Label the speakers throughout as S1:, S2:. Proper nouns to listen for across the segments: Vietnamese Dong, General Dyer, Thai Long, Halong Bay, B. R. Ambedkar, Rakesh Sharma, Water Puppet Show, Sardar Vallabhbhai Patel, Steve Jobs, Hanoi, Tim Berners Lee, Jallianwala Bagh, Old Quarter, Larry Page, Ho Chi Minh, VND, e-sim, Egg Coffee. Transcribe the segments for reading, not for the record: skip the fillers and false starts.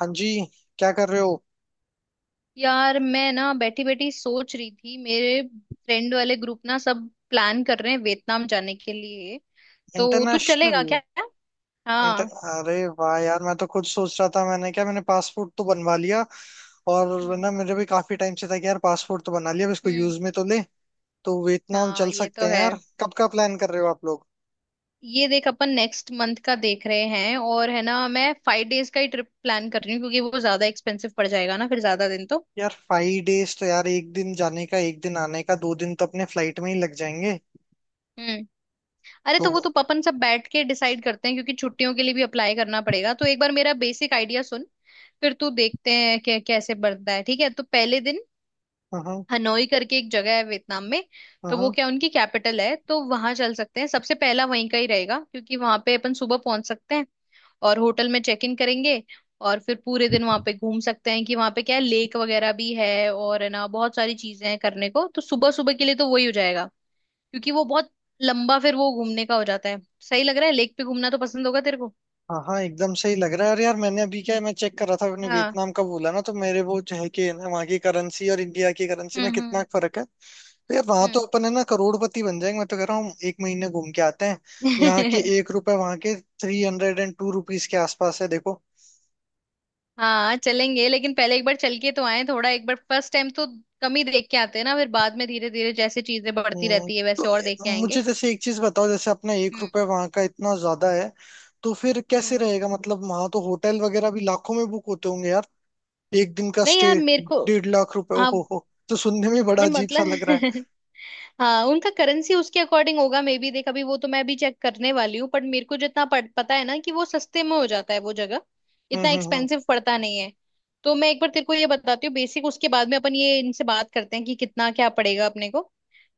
S1: हाँ जी। क्या कर रहे हो?
S2: यार मैं ना बैठी बैठी सोच रही थी मेरे फ्रेंड वाले ग्रुप ना सब प्लान कर रहे हैं वियतनाम जाने के लिए। तो तू चलेगा
S1: इंटरनेशनल।
S2: क्या?
S1: इंटर
S2: हाँ।
S1: अरे वाह यार, मैं तो खुद सोच रहा था। मैंने क्या, मैंने पासपोर्ट तो बनवा लिया। और
S2: हम्म।
S1: ना, मेरे भी काफी टाइम से था कि यार पासपोर्ट तो बना लिया, अब इसको
S2: हम्म।
S1: यूज में तो ले। तो वियतनाम
S2: हाँ
S1: चल
S2: ये
S1: सकते
S2: तो
S1: हैं
S2: है।
S1: यार। कब का प्लान कर रहे हो आप लोग?
S2: ये देख अपन नेक्स्ट मंथ का देख रहे हैं और है ना, मैं 5 डेज का ही ट्रिप प्लान कर रही हूँ क्योंकि वो ज्यादा एक्सपेंसिव पड़ जाएगा ना फिर ज्यादा दिन तो।
S1: यार 5 डेज तो यार, एक दिन जाने का, एक दिन आने का, दो दिन तो अपने फ्लाइट में ही लग जाएंगे।
S2: हम्म। अरे तो वो
S1: तो
S2: तो अपन सब बैठ के डिसाइड करते हैं क्योंकि छुट्टियों के लिए भी अप्लाई करना पड़ेगा, तो एक बार मेरा बेसिक आइडिया सुन, फिर तू देखते हैं कि कैसे बढ़ता है, ठीक है? तो पहले दिन
S1: हाँ हाँ
S2: हनोई करके एक जगह है वियतनाम में, तो वो
S1: हाँ।
S2: क्या उनकी कैपिटल है, तो वहां चल सकते हैं। सबसे पहला वहीं का ही रहेगा क्योंकि वहां पे अपन सुबह पहुंच सकते हैं और होटल में चेक इन करेंगे और फिर पूरे दिन वहां पे घूम सकते हैं कि वहां पे क्या है, लेक वगैरह भी है और है ना बहुत सारी चीजें हैं करने को, तो सुबह सुबह के लिए तो वही हो जाएगा क्योंकि वो बहुत लंबा फिर वो घूमने का हो जाता है। सही लग रहा है, लेक पे घूमना तो पसंद होगा तेरे को।
S1: हाँ हाँ, एकदम सही लग रहा है। और यार, मैंने अभी क्या है, मैं चेक कर रहा था अपने
S2: हाँ।
S1: वियतनाम का बोला ना, तो मेरे वो जो है कि है ना, वहाँ की करेंसी और इंडिया की करेंसी में
S2: हम्म।
S1: कितना
S2: हम्म।
S1: फर्क है। तो यार वहां तो
S2: हम्म।
S1: अपन है ना करोड़पति बन जाएंगे। मैं तो कह रहा हूँ एक महीने घूम के आते हैं। यहाँ के एक रुपए वहाँ के 302 रुपीज के आसपास है देखो।
S2: हाँ चलेंगे, लेकिन पहले एक बार चल के तो आए थोड़ा, एक बार फर्स्ट टाइम तो कम ही देख के आते हैं ना, फिर बाद में धीरे धीरे जैसे चीजें बढ़ती
S1: हम्म,
S2: रहती है
S1: तो
S2: वैसे और देख के आएंगे।
S1: मुझे जैसे एक चीज बताओ, जैसे अपना एक
S2: हम्म।
S1: रुपए वहाँ का इतना ज्यादा है, तो फिर कैसे
S2: हम्म।
S1: रहेगा? मतलब वहां तो होटल वगैरह भी लाखों में बुक होते होंगे यार। एक दिन का
S2: नहीं
S1: स्टे
S2: यार मेरे को।
S1: 1.5 लाख रुपए!
S2: हाँ
S1: ओहो हो, तो सुनने में बड़ा
S2: नहीं
S1: अजीब सा लग रहा है।
S2: मतलब, हाँ उनका करेंसी उसके अकॉर्डिंग होगा मे बी, देख अभी वो तो मैं भी चेक करने वाली हूँ, बट मेरे को जितना पता है ना कि वो सस्ते में हो जाता है वो जगह, इतना
S1: हम्म।
S2: एक्सपेंसिव पड़ता नहीं है। तो मैं एक बार तेरे को ये बताती हूँ बेसिक, उसके बाद में अपन ये इनसे बात करते हैं कि कितना क्या पड़ेगा अपने को।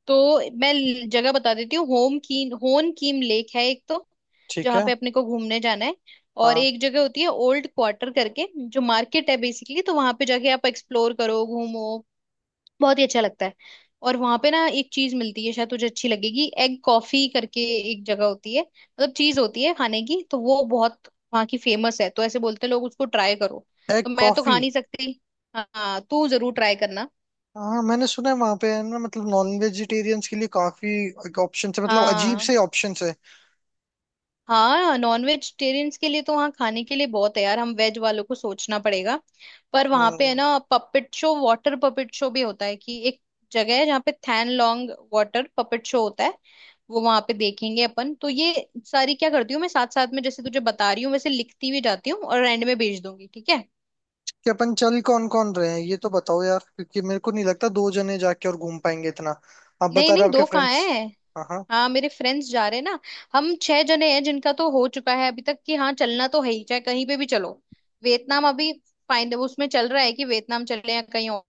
S2: तो मैं जगह बता देती हूँ, होम कीन होन कीम लेक है एक तो,
S1: ठीक
S2: जहाँ
S1: है।
S2: पे अपने को घूमने जाना है। और
S1: हाँ।
S2: एक जगह होती है ओल्ड क्वार्टर करके, जो मार्केट है बेसिकली, तो वहां पे जाके आप एक्सप्लोर करो, घूमो, बहुत ही अच्छा लगता है। और वहां पे ना एक चीज मिलती है, शायद तुझे अच्छी लगेगी, एग कॉफी करके एक जगह होती है, मतलब चीज होती है खाने की, तो वो बहुत वहाँ की फेमस है, तो ऐसे बोलते हैं लोग, उसको ट्राई करो।
S1: एग
S2: तो मैं तो
S1: कॉफी?
S2: खा नहीं सकती, हाँ तू जरूर ट्राई करना।
S1: हाँ मैंने सुना है वहां पे है ना, मतलब नॉन वेजिटेरियंस के लिए काफी ऑप्शन है, मतलब अजीब
S2: हाँ,
S1: से ऑप्शन है।
S2: हाँ नॉन वेजिटेरियंस के लिए तो वहाँ खाने के लिए बहुत है यार, हम वेज वालों को सोचना पड़ेगा। पर वहाँ पे है
S1: हम्म।
S2: ना puppet show, water puppet show भी होता है, कि एक जगह है जहाँ पे Thang Long water puppet show होता है, वो वहां पे देखेंगे अपन। तो ये सारी क्या करती हूँ मैं, साथ साथ में जैसे तुझे बता रही हूँ वैसे लिखती भी जाती हूँ और एंड में भेज दूंगी, ठीक है?
S1: कि अपन चल कौन कौन रहे हैं ये तो बताओ यार, क्योंकि मेरे को नहीं लगता दो जने जाके और घूम पाएंगे इतना। आप
S2: नहीं
S1: बता रहे
S2: नहीं
S1: हो आपके
S2: दो कहाँ
S1: फ्रेंड्स।
S2: है।
S1: हाँ हाँ।
S2: हाँ मेरे फ्रेंड्स जा रहे हैं ना। हम 6 जने हैं जिनका तो हो चुका है अभी तक कि हाँ चलना तो है ही चाहे कहीं पे भी चलो। वियतनाम अभी फाइन उसमें चल रहा है कि वियतनाम चले या कहीं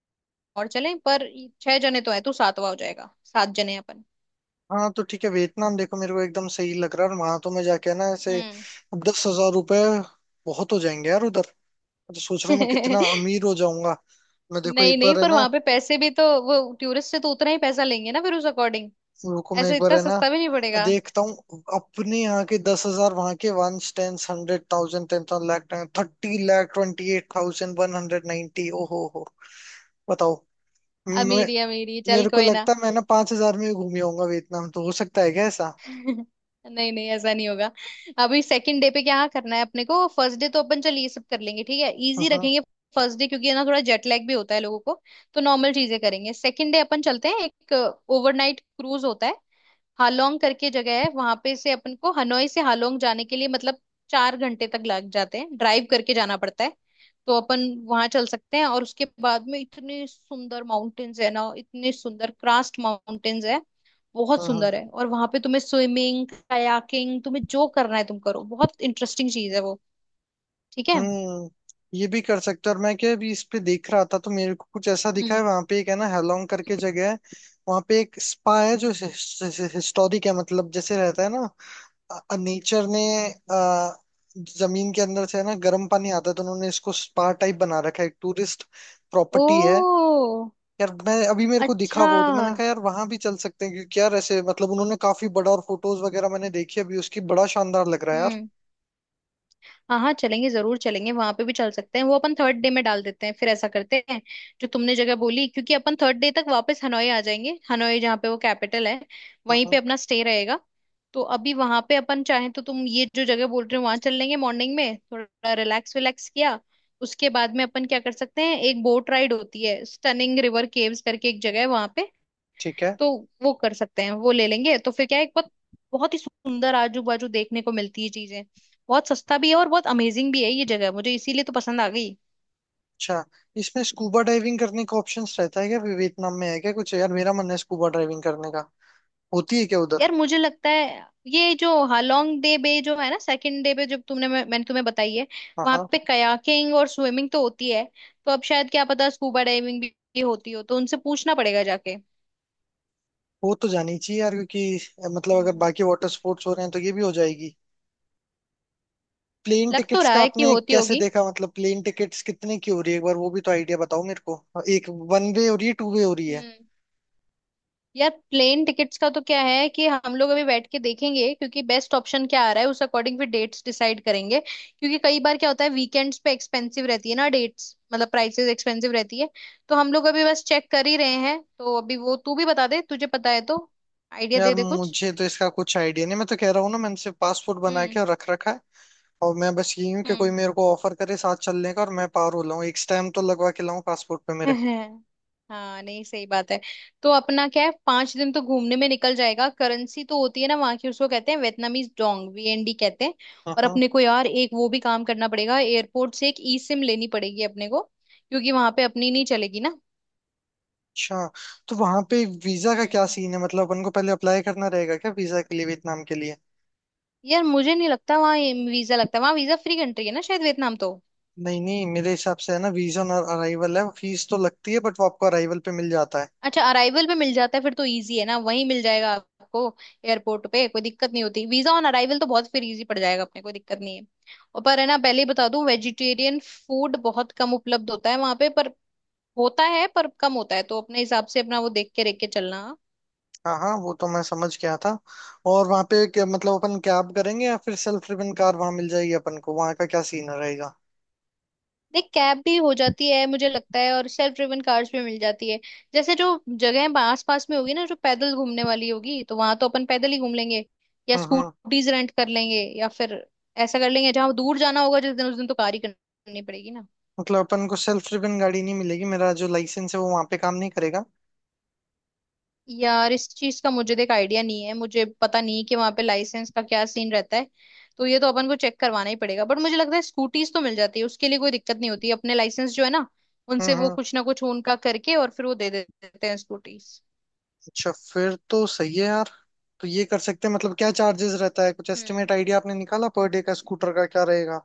S2: और चले, पर छह जने तो हैं, तो सातवां हो जाएगा, 7 जने हैं अपन।
S1: हाँ तो ठीक है, वियतनाम देखो मेरे को एकदम सही लग रहा है। और वहां तो मैं जाके ना ऐसे
S2: हम्म।
S1: 10 हजार रुपये बहुत हो जाएंगे यार उधर। तो सोच रहा हूँ मैं कितना अमीर हो जाऊंगा। मैं देखो
S2: नहीं
S1: एक
S2: नहीं,
S1: बार है
S2: पर
S1: ना,
S2: वहां पे पैसे भी तो वो टूरिस्ट से तो उतना ही पैसा लेंगे ना, फिर उस अकॉर्डिंग
S1: रुको मैं एक
S2: ऐसे
S1: बार
S2: इतना
S1: है ना
S2: सस्ता भी नहीं पड़ेगा।
S1: देखता हूँ अपने यहाँ के 10 हजार वहां के। One ten hundred thousand, 10 thousand, lakh, 30,28,190। ओ हो, बताओ। मैं,
S2: अमीरी अमीरी, चल
S1: मेरे को
S2: कोई ना।
S1: लगता है मैं ना 5 हजार में ही घूम आऊंगा वियतनाम। तो हो सकता है क्या ऐसा?
S2: नहीं नहीं ऐसा नहीं होगा। अभी सेकंड डे पे क्या करना है अपने को, फर्स्ट डे तो अपन चल ये सब कर लेंगे, ठीक है,
S1: हाँ
S2: इजी
S1: हाँ।
S2: रखेंगे फर्स्ट डे, क्योंकि है ना थोड़ा जेट लैग भी होता है लोगों को, तो नॉर्मल चीजें करेंगे। सेकंड डे अपन चलते हैं, एक ओवरनाइट क्रूज होता है, हालोंग करके जगह है वहां पे, से अपन को हनोई से हालोंग जाने के लिए मतलब 4 घंटे तक लग जाते हैं, ड्राइव करके जाना पड़ता है। तो अपन वहां चल सकते हैं, और उसके बाद में इतने सुंदर माउंटेन्स है ना, इतने सुंदर क्रास्ट माउंटेन्स है, बहुत
S1: हाँ
S2: सुंदर
S1: हाँ।
S2: है। और वहां पे तुम्हें स्विमिंग, कायाकिंग, तुम्हें जो करना है तुम करो, बहुत इंटरेस्टिंग चीज है वो। ठीक है।
S1: हम्म ये भी कर सकते हो। और मैं क्या अभी इस पे देख रहा था, तो मेरे को कुछ ऐसा दिखा
S2: हम्म।
S1: है वहां पे, एक है ना हेलोंग करके जगह है, वहां पे एक स्पा है जो हिस्टोरिक है। मतलब जैसे रहता है ना, नेचर ने अ, जमीन के अंदर से है ना गर्म पानी आता है, तो उन्होंने इसको स्पा टाइप बना रखा है, एक टूरिस्ट प्रॉपर्टी है।
S2: ओ
S1: यार मैं अभी मेरे को दिखा
S2: अच्छा।
S1: वो, तो मैंने कहा यार वहां भी चल सकते हैं, क्योंकि यार ऐसे मतलब उन्होंने काफी बड़ा, और फोटोज वगैरह मैंने देखी अभी उसकी, बड़ा शानदार लग रहा है यार।
S2: हम्म। हाँ हाँ चलेंगे, जरूर चलेंगे, वहां पे भी चल सकते हैं, वो अपन थर्ड डे में डाल देते हैं, फिर ऐसा करते हैं, जो तुमने जगह बोली, क्योंकि अपन थर्ड डे तक वापस हनोई आ जाएंगे, हनोई जहाँ पे वो कैपिटल है
S1: हम्म
S2: वहीं पे
S1: हम्म,
S2: अपना स्टे रहेगा। तो अभी वहां पे अपन चाहें तो तुम ये जो जगह बोल रहे हो वहां चल लेंगे, मॉर्निंग में थोड़ा रिलैक्स विलैक्स किया, उसके बाद में अपन क्या कर सकते हैं, एक बोट राइड होती है, स्टनिंग रिवर केव्स करके एक जगह है वहां पे,
S1: ठीक है।
S2: तो वो कर सकते हैं, वो ले लेंगे। तो फिर क्या है एक बहुत बहुत ही सुंदर आजू बाजू देखने को मिलती है चीजें, बहुत सस्ता भी है और बहुत अमेजिंग भी है ये जगह, मुझे इसीलिए तो पसंद आ गई।
S1: अच्छा, इसमें स्कूबा डाइविंग करने का ऑप्शंस रहता है क्या वियतनाम में? है क्या कुछ? यार मेरा मन है स्कूबा डाइविंग करने का। होती है क्या उधर?
S2: यार मुझे लगता है ये जो हालोंग डे बे जो है ना, सेकंड डे पे जो तुमने, मैंने तुम्हें बताई है,
S1: हाँ
S2: वहां
S1: हाँ,
S2: पे कयाकिंग और स्विमिंग तो होती है, तो अब शायद क्या पता स्कूबा डाइविंग भी होती हो, तो उनसे पूछना पड़ेगा जाके।
S1: वो तो जानी चाहिए यार, क्योंकि मतलब अगर
S2: हम्म।
S1: बाकी वाटर स्पोर्ट्स हो रहे हैं तो ये भी हो जाएगी। प्लेन
S2: लग तो
S1: टिकट्स
S2: रहा
S1: का
S2: है कि
S1: आपने
S2: होती
S1: कैसे
S2: होगी।
S1: देखा? मतलब प्लेन टिकट्स कितने की हो रही है? एक बार वो भी तो आइडिया बताओ मेरे को। एक वन वे हो रही है टू वे हो रही है?
S2: हम्म। यार प्लेन टिकट्स का तो क्या है कि हम लोग अभी बैठ के देखेंगे क्योंकि बेस्ट ऑप्शन क्या आ रहा है उस अकॉर्डिंग फिर डेट्स डिसाइड करेंगे क्योंकि कई बार क्या होता है वीकेंड्स पे एक्सपेंसिव रहती है ना डेट्स, मतलब प्राइसेस एक्सपेंसिव रहती है। तो हम लोग अभी बस चेक कर ही रहे हैं, तो अभी वो तू भी बता दे, तुझे पता है तो आइडिया
S1: यार
S2: दे दे कुछ।
S1: मुझे तो इसका कुछ आइडिया नहीं, मैं तो कह रहा हूँ ना, मैंने सिर्फ पासपोर्ट बना
S2: हम्म।
S1: के और रख रखा है। और मैं बस यही हूँ कि कोई
S2: हम्म।
S1: मेरे को ऑफर करे साथ चलने का, और मैं पार हो लाऊं, एक स्टैम्प तो लगवा के लाऊं पासपोर्ट पे मेरे।
S2: हाँ नहीं सही बात है। तो अपना क्या है, 5 दिन तो घूमने में निकल जाएगा। करेंसी तो होती है ना वहां की, उसको कहते हैं वियतनामीज डोंग, वीएनडी कहते हैं।
S1: हाँ
S2: और
S1: हाँ।
S2: अपने को यार एक वो भी काम करना पड़ेगा, एयरपोर्ट से एक ई सिम लेनी पड़ेगी अपने को, क्योंकि वहां पे अपनी नहीं चलेगी ना।
S1: अच्छा, तो वहां पे वीजा का क्या
S2: हम्म।
S1: सीन है? मतलब अपन को पहले अप्लाई करना रहेगा क्या वीजा के लिए वियतनाम के लिए?
S2: यार मुझे नहीं लगता वहाँ वीजा लगता है, वहाँ वीजा फ्री कंट्री है ना शायद वियतनाम तो।
S1: नहीं नहीं, मेरे हिसाब से है ना, वीजा ऑन अराइवल है, फीस तो लगती है बट वो आपको अराइवल पे मिल जाता है।
S2: अच्छा अराइवल पे मिल जाता है, फिर तो इजी है ना, वहीं मिल जाएगा आपको एयरपोर्ट पे, कोई दिक्कत नहीं होती। वीजा ऑन अराइवल तो बहुत फिर इजी पड़ जाएगा अपने, कोई दिक्कत नहीं है। और पर है ना पहले ही बता दूं, वेजिटेरियन फूड बहुत कम उपलब्ध होता है वहां पे, पर होता है, पर कम होता है, तो अपने हिसाब से अपना वो देख के चलना।
S1: हाँ हाँ, वो तो मैं समझ गया था। और वहां पे मतलब अपन कैब करेंगे या फिर सेल्फ ड्रिवन कार वहां मिल जाएगी अपन को? वहां का क्या सीन रहेगा?
S2: देख कैब भी हो जाती है मुझे लगता है, और सेल्फ ड्रिवन कार्स भी मिल जाती है। जैसे जो जगह आस पास में होगी ना, जो पैदल घूमने वाली होगी, तो वहां तो अपन पैदल ही घूम लेंगे, या
S1: हम्म।
S2: स्कूटीज रेंट कर लेंगे, या फिर ऐसा कर लेंगे। जहां दूर जाना होगा जिस दिन, उस दिन तो कार ही करनी पड़ेगी ना।
S1: मतलब अपन को सेल्फ ड्रिवन गाड़ी नहीं मिलेगी? मेरा जो लाइसेंस है वो वहां पे काम नहीं करेगा?
S2: यार इस चीज का मुझे देख आइडिया नहीं है, मुझे पता नहीं कि वहां पे लाइसेंस का क्या सीन रहता है, तो ये तो अपन को चेक करवाना ही पड़ेगा, बट मुझे लगता है स्कूटीज तो मिल जाती है, उसके लिए कोई दिक्कत नहीं होती, अपने लाइसेंस जो है ना, उनसे वो
S1: हम्म।
S2: कुछ ना कुछ उनका करके और फिर वो दे देते हैं स्कूटीज।
S1: अच्छा फिर तो सही है यार। तो ये कर सकते हैं। मतलब क्या चार्जेस रहता है? कुछ
S2: हम्म।
S1: एस्टिमेट आइडिया आपने निकाला पर डे का, स्कूटर का क्या रहेगा?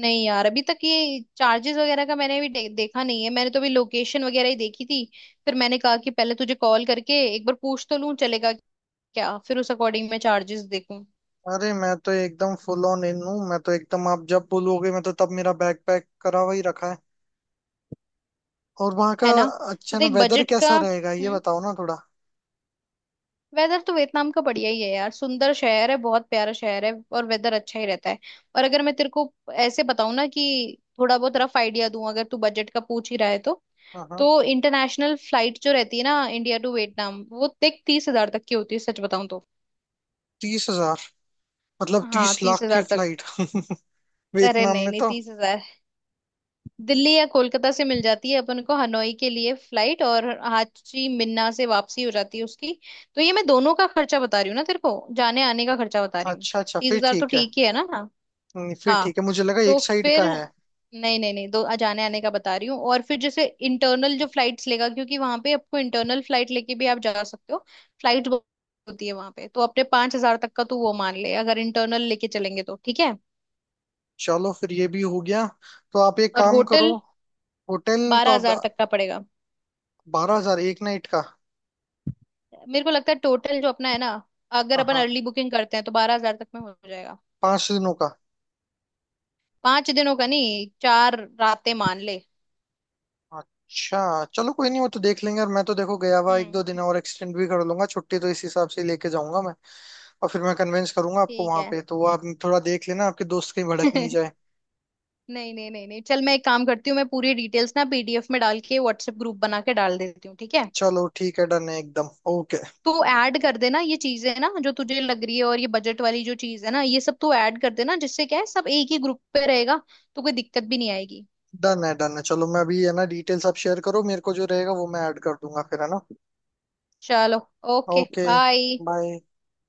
S2: नहीं यार अभी तक ये चार्जेस वगैरह का मैंने अभी देखा नहीं है, मैंने तो अभी लोकेशन वगैरह ही देखी थी, फिर मैंने कहा कि पहले तुझे कॉल करके एक बार पूछ तो लूं, चलेगा क्या, फिर उस अकॉर्डिंग मैं चार्जेस देखूं।
S1: अरे मैं तो एकदम फुल ऑन इन हूँ। मैं तो एकदम आप जब बोलोगे, मैं तो तब मेरा बैग पैक करा हुआ ही रखा है। और वहाँ का
S2: है ना, तो
S1: अच्छा ना,
S2: देख
S1: वेदर
S2: बजट
S1: कैसा
S2: का।
S1: रहेगा ये
S2: हम्म।
S1: बताओ ना थोड़ा।
S2: वेदर तो वियतनाम का बढ़िया ही है यार, सुंदर शहर है, बहुत प्यारा शहर है और वेदर अच्छा ही रहता है। और अगर मैं तेरे को ऐसे बताऊं ना कि थोड़ा बहुत रफ आइडिया दूं, अगर तू बजट का पूछ ही रहा है तो
S1: हाँ हाँ,
S2: तो इंटरनेशनल फ्लाइट जो रहती है ना, इंडिया टू वियतनाम, वो देख 30,000 तक की होती है, सच बताऊं तो।
S1: 30 हजार? मतलब
S2: हाँ
S1: तीस
S2: तीस
S1: लाख की
S2: हजार तक।
S1: फ्लाइट!
S2: अरे
S1: वियतनाम
S2: नहीं
S1: में
S2: नहीं
S1: तो।
S2: 30,000। दिल्ली या कोलकाता से मिल जाती है अपन को हनोई के लिए फ्लाइट, और हाची मिन्ना से वापसी हो जाती है उसकी। तो ये मैं दोनों का खर्चा बता रही हूँ ना तेरे को, जाने आने का खर्चा बता रही हूँ।
S1: अच्छा अच्छा,
S2: तीस
S1: फिर
S2: हजार तो
S1: ठीक है।
S2: ठीक ही है ना।
S1: फिर
S2: हाँ।
S1: ठीक है, मुझे लगा
S2: तो
S1: एक साइड
S2: फिर
S1: का है।
S2: नहीं नहीं नहीं, दो जाने आने का बता रही हूँ। और फिर जैसे इंटरनल जो फ्लाइट्स लेगा, क्योंकि वहां पे आपको इंटरनल फ्लाइट लेके भी आप जा सकते हो, फ्लाइट होती है वहां पे, तो अपने 5,000 तक का तू वो मान ले अगर इंटरनल लेके चलेंगे तो, ठीक है।
S1: चलो फिर ये भी हो गया। तो आप एक
S2: और
S1: काम
S2: होटल
S1: करो। होटल तो
S2: बारह
S1: आप,
S2: हजार तक का पड़ेगा,
S1: 12 हजार एक नाइट का?
S2: मेरे को लगता है, टोटल जो अपना है ना, अगर
S1: हाँ
S2: अपन
S1: हाँ,
S2: अर्ली बुकिंग करते हैं तो 12,000 तक में हो जाएगा।
S1: 5 दिनों का?
S2: 5 दिनों का नहीं, 4 रातें मान ले।
S1: अच्छा। चलो कोई नहीं, वो तो देख लेंगे। और मैं तो देखो गया हुआ एक दो दिन
S2: हम्म।
S1: और एक्सटेंड भी कर लूंगा छुट्टी, तो इस हिसाब से ही लेके जाऊंगा मैं। और फिर मैं कन्विंस करूंगा आपको
S2: ठीक
S1: वहां
S2: है।
S1: पे, तो आप थोड़ा देख लेना आपके दोस्त कहीं भड़क नहीं जाए।
S2: नहीं नहीं नहीं नहीं, चल मैं एक काम करती हूँ, मैं पूरी डिटेल्स ना पीडीएफ में डाल के व्हाट्सएप ग्रुप बना के डाल देती हूँ, ठीक है?
S1: चलो ठीक है, डन है, एकदम ओके।
S2: तो ऐड कर देना ये चीजें ना जो तुझे लग रही है, और ये बजट वाली जो चीज है ना ये सब तू ऐड कर देना, जिससे क्या है सब एक ही ग्रुप पे रहेगा, तो कोई दिक्कत भी नहीं आएगी।
S1: डन है, डन है, चलो मैं अभी है ना, डिटेल्स आप शेयर करो मेरे को, जो रहेगा वो मैं ऐड कर दूंगा फिर है ना।
S2: चलो, ओके,
S1: ओके
S2: बाय।
S1: बाय।